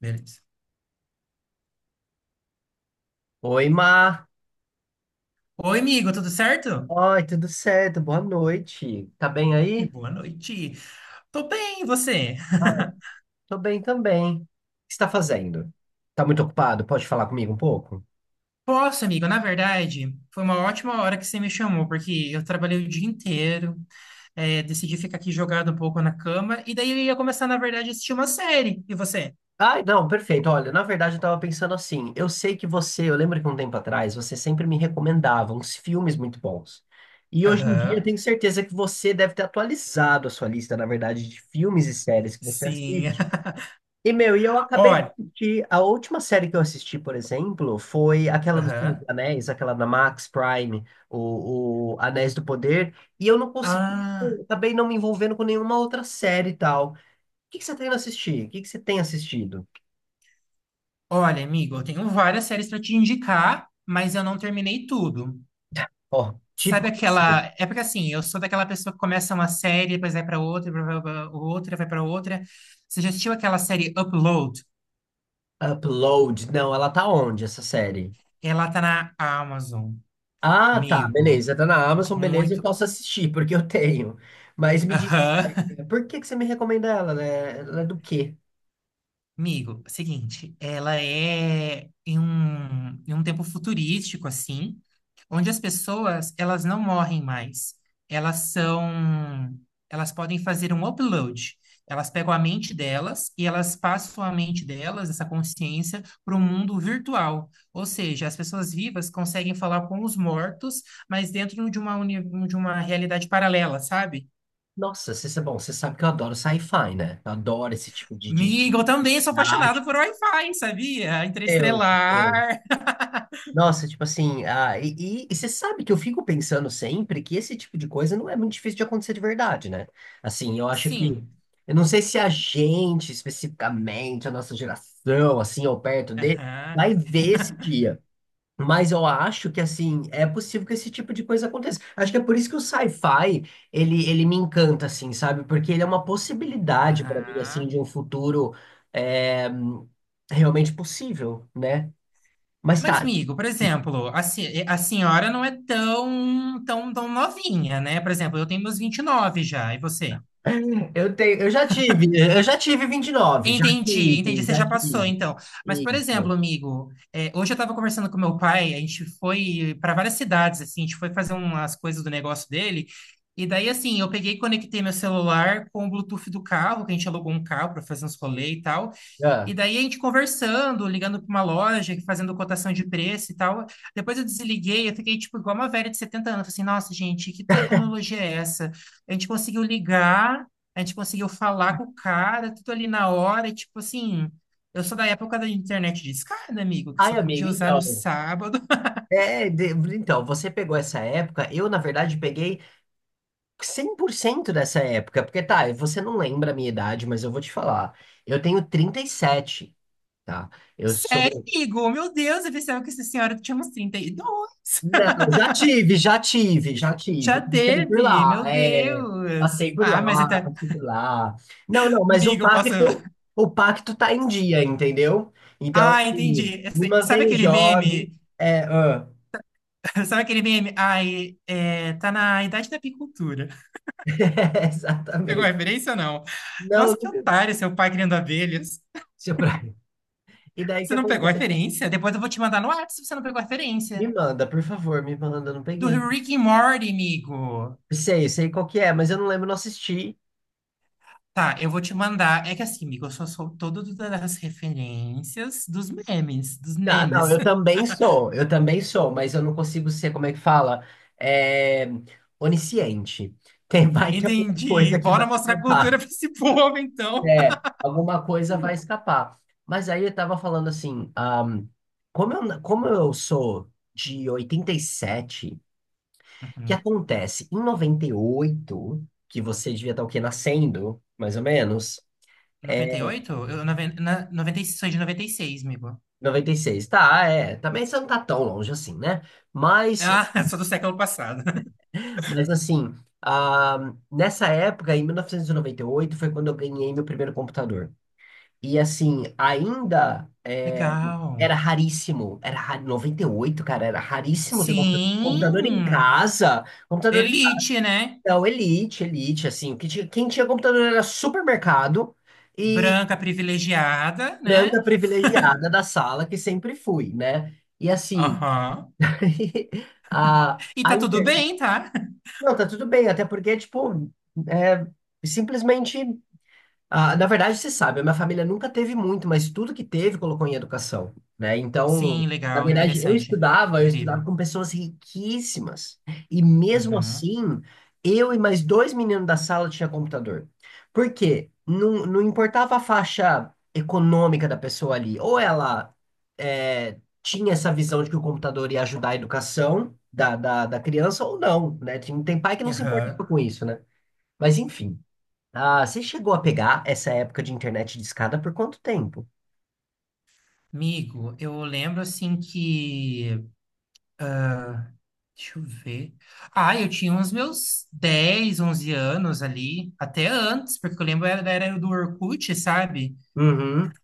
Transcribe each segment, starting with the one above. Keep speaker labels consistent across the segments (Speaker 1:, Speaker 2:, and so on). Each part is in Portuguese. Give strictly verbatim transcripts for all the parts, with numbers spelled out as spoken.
Speaker 1: Beleza.
Speaker 2: Oi, Mar.
Speaker 1: Oi, amigo, tudo certo?
Speaker 2: Oi, tudo certo? Boa noite. Tá bem aí?
Speaker 1: Boa noite. Tô bem, e você?
Speaker 2: Ah, tô bem também. O que você tá fazendo? Tá muito ocupado? Pode falar comigo um pouco?
Speaker 1: Posso, amigo? Na verdade, foi uma ótima hora que você me chamou, porque eu trabalhei o dia inteiro, é, decidi ficar aqui jogado um pouco na cama, e daí eu ia começar, na verdade, a assistir uma série. E você?
Speaker 2: Ai, não, perfeito. Olha, na verdade eu tava pensando assim. Eu sei que você, eu lembro que um tempo atrás, você sempre me recomendava uns filmes muito bons. E hoje em dia eu
Speaker 1: Aham,
Speaker 2: tenho certeza que você deve ter atualizado a sua lista, na verdade, de filmes e séries que você
Speaker 1: sim.
Speaker 2: assiste. E, meu, e eu acabei de
Speaker 1: Olha,
Speaker 2: assistir. A última série que eu assisti, por exemplo, foi aquela dos Filhos
Speaker 1: aham.
Speaker 2: dos Anéis, aquela da Max Prime, o, o Anéis do Poder, e eu não consegui,
Speaker 1: Ah,
Speaker 2: eu acabei não me envolvendo com nenhuma outra série e tal. O que que você tá indo assistir? O que que você tem assistido?
Speaker 1: olha, amigo, eu tenho várias séries para te indicar, mas eu não terminei tudo.
Speaker 2: Ó,
Speaker 1: Sabe
Speaker 2: típico você.
Speaker 1: aquela. É porque assim, eu sou daquela pessoa que começa uma série, depois vai pra outra, blá, blá, blá, outra, vai pra outra. Você já assistiu aquela série Upload?
Speaker 2: Upload. Não, ela tá onde, essa série?
Speaker 1: Ela tá na Amazon,
Speaker 2: Ah, tá,
Speaker 1: amigo.
Speaker 2: beleza. Tá na Amazon, beleza, eu
Speaker 1: Muito.
Speaker 2: posso assistir, porque eu tenho. Mas me diga,
Speaker 1: Aham.
Speaker 2: por que que você me recomenda ela, né? Ela é do quê?
Speaker 1: Amigo, seguinte, ela é em um, em um tempo futurístico, assim. Onde as pessoas, elas não morrem mais. Elas são, elas podem fazer um upload. Elas pegam a mente delas e elas passam a mente delas, essa consciência, para o mundo virtual. Ou seja, as pessoas vivas conseguem falar com os mortos, mas dentro de uma, uni- de uma realidade paralela, sabe?
Speaker 2: Nossa, você, bom, você sabe que eu adoro sci-fi, né? Eu adoro esse tipo de, de...
Speaker 1: Amigo, eu também sou
Speaker 2: Ah,
Speaker 1: apaixonado por Wi-Fi, sabia?
Speaker 2: eu, eu-
Speaker 1: Interestelar.
Speaker 2: Nossa, tipo assim, ah, e, e- e você sabe que eu fico pensando sempre que esse tipo de coisa não é muito difícil de acontecer de verdade, né? Assim, eu acho que,
Speaker 1: Sim.
Speaker 2: eu não sei se a gente, especificamente, a nossa geração, assim, ou perto de,
Speaker 1: Aham.
Speaker 2: vai ver esse dia. Mas eu acho que, assim, é possível que esse tipo de coisa aconteça. Acho que é por isso que o sci-fi, ele, ele me encanta, assim, sabe? Porque ele é uma possibilidade para mim, assim,
Speaker 1: Aham.
Speaker 2: de um futuro é, realmente possível, né? Mas
Speaker 1: Mas,
Speaker 2: tá,
Speaker 1: amigo, por exemplo, a, se- a senhora não é tão, tão, tão novinha, né? Por exemplo, eu tenho meus vinte e nove já, e você?
Speaker 2: eu tenho, eu já tive, eu já tive vinte e nove, já
Speaker 1: Entendi, entendi,
Speaker 2: tive,
Speaker 1: você
Speaker 2: já
Speaker 1: já passou,
Speaker 2: tive.
Speaker 1: então. Mas, por
Speaker 2: Isso.
Speaker 1: exemplo, amigo, é, hoje eu estava conversando com meu pai, a gente foi para várias cidades, assim, a gente foi fazer umas coisas do negócio dele, e daí, assim, eu peguei e conectei meu celular com o Bluetooth do carro, que a gente alugou um carro para fazer uns rolê e tal. E
Speaker 2: Ah.
Speaker 1: daí a gente conversando, ligando para uma loja, fazendo cotação de preço e tal. Depois eu desliguei, eu fiquei tipo igual uma velha de setenta anos. Falei assim, nossa, gente, que tecnologia é essa? A gente conseguiu ligar, a gente conseguiu falar com o cara, tudo ali na hora, e, tipo assim. Eu sou da época da internet discada, amigo, que
Speaker 2: Ai,
Speaker 1: só podia
Speaker 2: amigo,
Speaker 1: usar no
Speaker 2: então...
Speaker 1: sábado.
Speaker 2: É, de- então, você pegou essa época, eu, na verdade, peguei cem por cento dessa época, porque tá, você não lembra a minha idade, mas eu vou te falar. Eu tenho trinta e sete, tá? Eu
Speaker 1: Sério,
Speaker 2: sou.
Speaker 1: amigo? Meu Deus, eu pensava que essa senhora tinha uns trinta e dois.
Speaker 2: Não, já tive, já tive, já tive.
Speaker 1: Já
Speaker 2: Passei por
Speaker 1: teve,
Speaker 2: lá,
Speaker 1: meu
Speaker 2: é.
Speaker 1: Deus.
Speaker 2: Passei por
Speaker 1: Ah, mas
Speaker 2: lá,
Speaker 1: até.
Speaker 2: passei por lá. Não, não, mas o
Speaker 1: Amigo, eu posso.
Speaker 2: pacto, o pacto tá em dia, entendeu? Então,
Speaker 1: Ah,
Speaker 2: assim,
Speaker 1: entendi.
Speaker 2: me
Speaker 1: Esse- Sabe
Speaker 2: mantenho
Speaker 1: aquele
Speaker 2: jovem.
Speaker 1: meme?
Speaker 2: É, ah,
Speaker 1: Sabe aquele meme? Ai, é, tá na idade da apicultura. Pegou a
Speaker 2: exatamente.
Speaker 1: referência ou não?
Speaker 2: Não,
Speaker 1: Nossa, que
Speaker 2: nunca.
Speaker 1: otário, seu pai criando abelhas.
Speaker 2: Seu Brian. E daí o
Speaker 1: Você
Speaker 2: que
Speaker 1: não pegou a
Speaker 2: acontece?
Speaker 1: referência? Depois eu vou te mandar no WhatsApp se você não pegou a
Speaker 2: Me
Speaker 1: referência.
Speaker 2: manda, por favor, me manda, não
Speaker 1: Do
Speaker 2: peguei.
Speaker 1: Rick and Morty, amigo.
Speaker 2: Sei, sei qual que é, mas eu não lembro, não assisti.
Speaker 1: Tá, eu vou te mandar. É que assim, amigo, eu só sou todo do- das referências dos memes, dos
Speaker 2: Ah, não,
Speaker 1: memes.
Speaker 2: eu também sou, eu também sou, mas eu não consigo ser, como é que fala? É, onisciente. Tem, vai ter alguma
Speaker 1: Entendi.
Speaker 2: coisa que vai
Speaker 1: Bora mostrar
Speaker 2: escapar.
Speaker 1: cultura pra esse povo, então.
Speaker 2: É, alguma coisa vai escapar. Mas aí eu tava falando assim, ahm, como eu, como eu sou de oitenta e sete, o que
Speaker 1: Uhum.
Speaker 2: acontece? Em noventa e oito que você devia estar o quê? Nascendo, mais ou menos. é,
Speaker 1: noventa e oito? Eu, noven- na, noventa e seis, sou de noventa e seis, amigo.
Speaker 2: Noventa e seis, tá? É. Também você não tá tão longe assim, né? Mas,
Speaker 1: Ah, sou do século passado.
Speaker 2: mas assim, ah, nessa época, em mil novecentos e noventa e oito foi quando eu ganhei meu primeiro computador. E assim, ainda é,
Speaker 1: Legal.
Speaker 2: era raríssimo. Era ra- noventa e oito, cara, era raríssimo ter computa-
Speaker 1: Sim,
Speaker 2: computador em casa. Computador em casa.
Speaker 1: elite, né?
Speaker 2: Não, Elite, Elite, assim. o que tinha- Quem tinha computador era supermercado e
Speaker 1: Branca privilegiada, né?
Speaker 2: branca privilegiada da sala, que sempre fui, né? E assim.
Speaker 1: Aham.
Speaker 2: A,
Speaker 1: E
Speaker 2: a
Speaker 1: tá tudo
Speaker 2: inter-
Speaker 1: bem, tá?
Speaker 2: Não, tá tudo bem, até porque, tipo, é simplesmente. Ah, na verdade, você sabe, a minha família nunca teve muito, mas tudo que teve colocou em educação, né? Então,
Speaker 1: Sim,
Speaker 2: na
Speaker 1: legal,
Speaker 2: verdade, eu
Speaker 1: interessante.
Speaker 2: estudava, eu
Speaker 1: Incrível.
Speaker 2: estudava com pessoas riquíssimas. E mesmo
Speaker 1: Uhum.
Speaker 2: assim, eu e mais dois meninos da sala tinha computador. Por quê? Não, não importava a faixa econômica da pessoa ali. Ou ela eh, tinha essa visão de que o computador ia ajudar a educação da, da, da criança, ou não, né? Tem, tem pai que não se importa
Speaker 1: Aham.
Speaker 2: com isso, né? Mas enfim. Ah, você chegou a pegar essa época de internet de escada por quanto tempo?
Speaker 1: Amigo, eu lembro assim que. Deixa eu ver. Ah, eu tinha uns meus dez, onze anos ali, até antes, porque eu lembro era da era do Orkut, sabe?
Speaker 2: Uhum.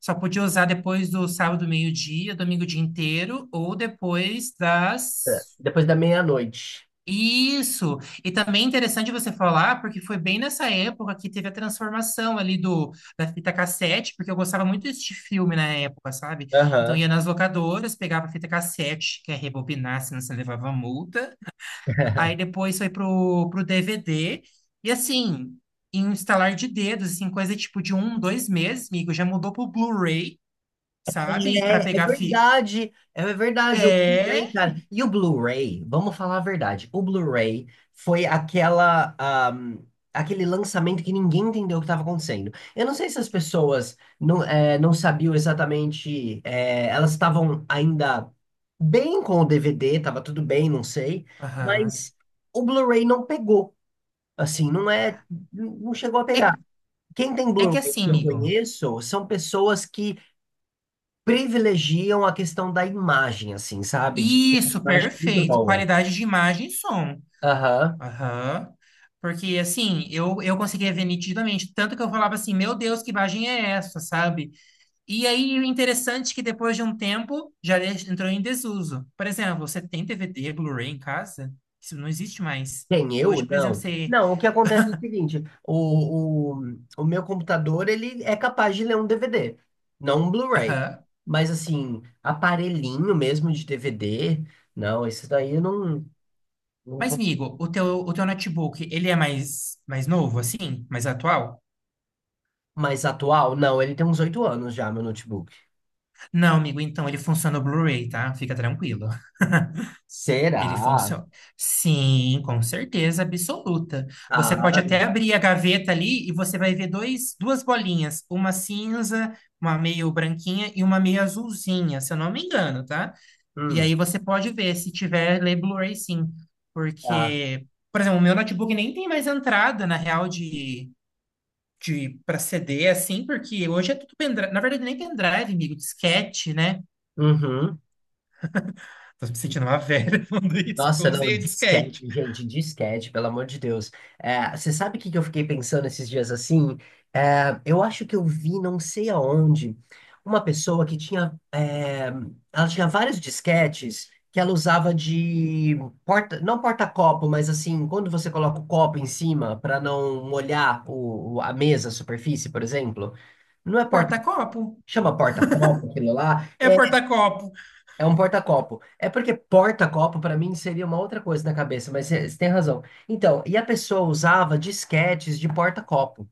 Speaker 1: Só podia usar depois do sábado, meio-dia, domingo o dia inteiro, ou depois das.
Speaker 2: É, depois da meia-noite.
Speaker 1: Isso! E também é interessante você falar, porque foi bem nessa época que teve a transformação ali do, da fita cassete, porque eu gostava muito desse filme na época, sabe? Então
Speaker 2: Aham.
Speaker 1: ia nas locadoras, pegava a fita cassete, que é rebobinar, senão você levava multa. Aí depois foi pro, pro D V D. E assim, em um estalar de dedos, assim, coisa tipo de um, dois meses, amigo, já mudou pro Blu-ray, sabe? Pra
Speaker 2: É, é
Speaker 1: pegar fi...
Speaker 2: verdade, é verdade, o
Speaker 1: É.
Speaker 2: Blu-ray, cara. E o Blu-ray, vamos falar a verdade, o Blu-ray foi aquela, ahm, aquele lançamento que ninguém entendeu o que estava acontecendo. Eu não sei se as pessoas não, é, não sabiam exatamente, é, elas estavam ainda bem com o D V D, estava tudo bem, não sei,
Speaker 1: Aham.
Speaker 2: mas o Blu-ray não pegou, assim, não é, não chegou a pegar.
Speaker 1: É,
Speaker 2: Quem tem
Speaker 1: é que
Speaker 2: Blu-ray
Speaker 1: assim,
Speaker 2: que eu
Speaker 1: amigo.
Speaker 2: conheço são pessoas que privilegiam a questão da imagem, assim, sabe? De ter uma
Speaker 1: Isso,
Speaker 2: imagem muito
Speaker 1: perfeito.
Speaker 2: boa.
Speaker 1: Qualidade de imagem e som.
Speaker 2: Aham.
Speaker 1: Aham. Porque, assim, eu, eu conseguia ver nitidamente. Tanto que eu falava assim, meu Deus, que imagem é essa, sabe? E aí, o interessante é que depois de um tempo, já de- entrou em desuso. Por exemplo, você tem D V D Blu-ray em casa? Isso não existe mais.
Speaker 2: Quem, eu?
Speaker 1: Hoje, por exemplo,
Speaker 2: Não.
Speaker 1: você...
Speaker 2: Não, o que acontece é o seguinte, o, o, o meu computador, ele é capaz de ler um D V D, não um Blu-ray.
Speaker 1: Aham.
Speaker 2: Mas, assim, aparelhinho mesmo de D V D, não, esse daí eu não, não...
Speaker 1: Mas,
Speaker 2: co-
Speaker 1: amigo, o teu, o teu notebook, ele é mais, mais novo, assim? Mais atual?
Speaker 2: Mais atual? Não, ele tem uns oito anos já, meu notebook.
Speaker 1: Não, amigo, então ele funciona o Blu-ray, tá? Fica tranquilo. Ele
Speaker 2: Será?
Speaker 1: funciona. Sim, com certeza absoluta. Você pode
Speaker 2: Ah,
Speaker 1: até abrir a gaveta ali e você vai ver dois, duas bolinhas, uma cinza, uma meio branquinha e uma meio azulzinha, se eu não me engano, tá? E
Speaker 2: hum,
Speaker 1: aí você pode ver se tiver lê Blu-ray sim,
Speaker 2: tá.
Speaker 1: porque, por exemplo, o meu notebook nem tem mais entrada na real de de para C D assim, porque hoje é tudo pendrive, na verdade nem pendrive, amigo, disquete, né?
Speaker 2: Uhum.
Speaker 1: Tô me sentindo uma velha falando isso, porque eu
Speaker 2: Nossa, não,
Speaker 1: usei o
Speaker 2: disquete,
Speaker 1: disquete.
Speaker 2: gente, disquete, pelo amor de Deus. É, você sabe o que que eu fiquei pensando esses dias assim? É, eu acho que eu vi, não sei aonde, uma pessoa que tinha, é, ela tinha vários disquetes que ela usava de porta, não porta-copo, mas assim, quando você coloca o copo em cima para não molhar o, o- a mesa, a superfície, por exemplo, não é porta,
Speaker 1: Porta-copo.
Speaker 2: chama porta-copo, aquilo lá.
Speaker 1: É porta-copo.
Speaker 2: É um porta-copo. É porque porta-copo para mim seria uma outra coisa na cabeça, mas você tem razão. Então, e a pessoa usava disquetes de porta-copo.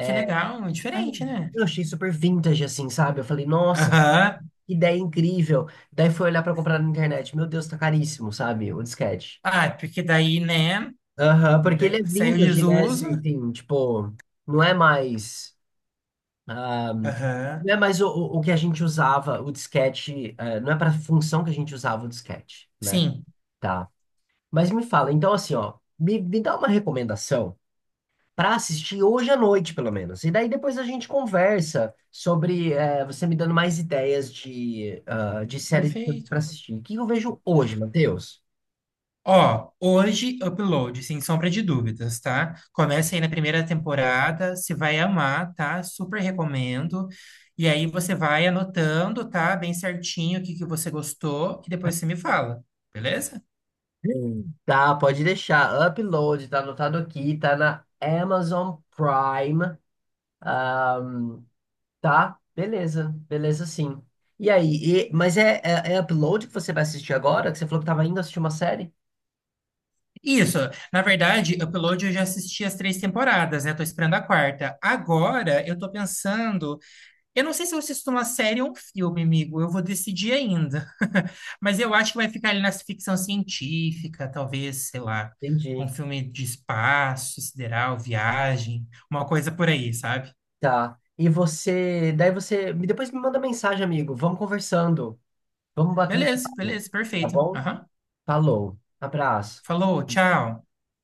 Speaker 1: Que legal, é
Speaker 2: Ai,
Speaker 1: diferente, né?
Speaker 2: Eu achei super vintage assim, sabe? Eu falei, nossa,
Speaker 1: Aham.
Speaker 2: que ideia incrível. Daí fui olhar para comprar na internet. Meu Deus, tá caríssimo, sabe? O disquete.
Speaker 1: Ah, porque daí, né?
Speaker 2: Aham, porque ele
Speaker 1: de-
Speaker 2: é
Speaker 1: Saiu de
Speaker 2: vintage, né?
Speaker 1: desuso.
Speaker 2: Assim, assim, tipo, não é mais ah,
Speaker 1: Aham.
Speaker 2: não é mais o, o o que a gente usava, o disquete, eh, não é para função que a gente usava o disquete, né?
Speaker 1: Sim,
Speaker 2: Tá. Mas me fala, então assim, ó, me, me dá uma recomendação para assistir hoje à noite, pelo menos. E daí depois a gente conversa sobre eh, você me dando mais ideias de, ah, de séries para
Speaker 1: perfeito.
Speaker 2: assistir. O que eu vejo hoje, Matheus?
Speaker 1: Ó, hoje, upload, sem sombra de dúvidas, tá? Começa aí na primeira temporada, você vai amar, tá? Super recomendo. E aí você vai anotando, tá? Bem certinho o que que você gostou e depois você me fala, beleza?
Speaker 2: Hum. Tá, pode deixar. Upload, tá anotado aqui, tá na Amazon Prime, tá? Beleza, beleza sim. E aí, e- mas é, é, é Upload que você vai assistir agora? Que você falou que tava indo assistir uma série?
Speaker 1: Isso, na verdade, Upload eu já assisti as três temporadas, né? Tô esperando a quarta. Agora eu tô pensando, eu não sei se eu assisto uma série ou um filme, amigo, eu vou decidir ainda. Mas eu acho que vai ficar ali na ficção científica, talvez, sei lá,
Speaker 2: Entendi.
Speaker 1: um filme de espaço, sideral, viagem, uma coisa por aí, sabe?
Speaker 2: Tá. E você, daí você, me- depois me manda mensagem, amigo. Vamos conversando. Vamos batendo
Speaker 1: Beleza,
Speaker 2: papo.
Speaker 1: beleza,
Speaker 2: Tá
Speaker 1: perfeito.
Speaker 2: bom?
Speaker 1: Aham.
Speaker 2: Falou. Abraço.
Speaker 1: Falou, tchau.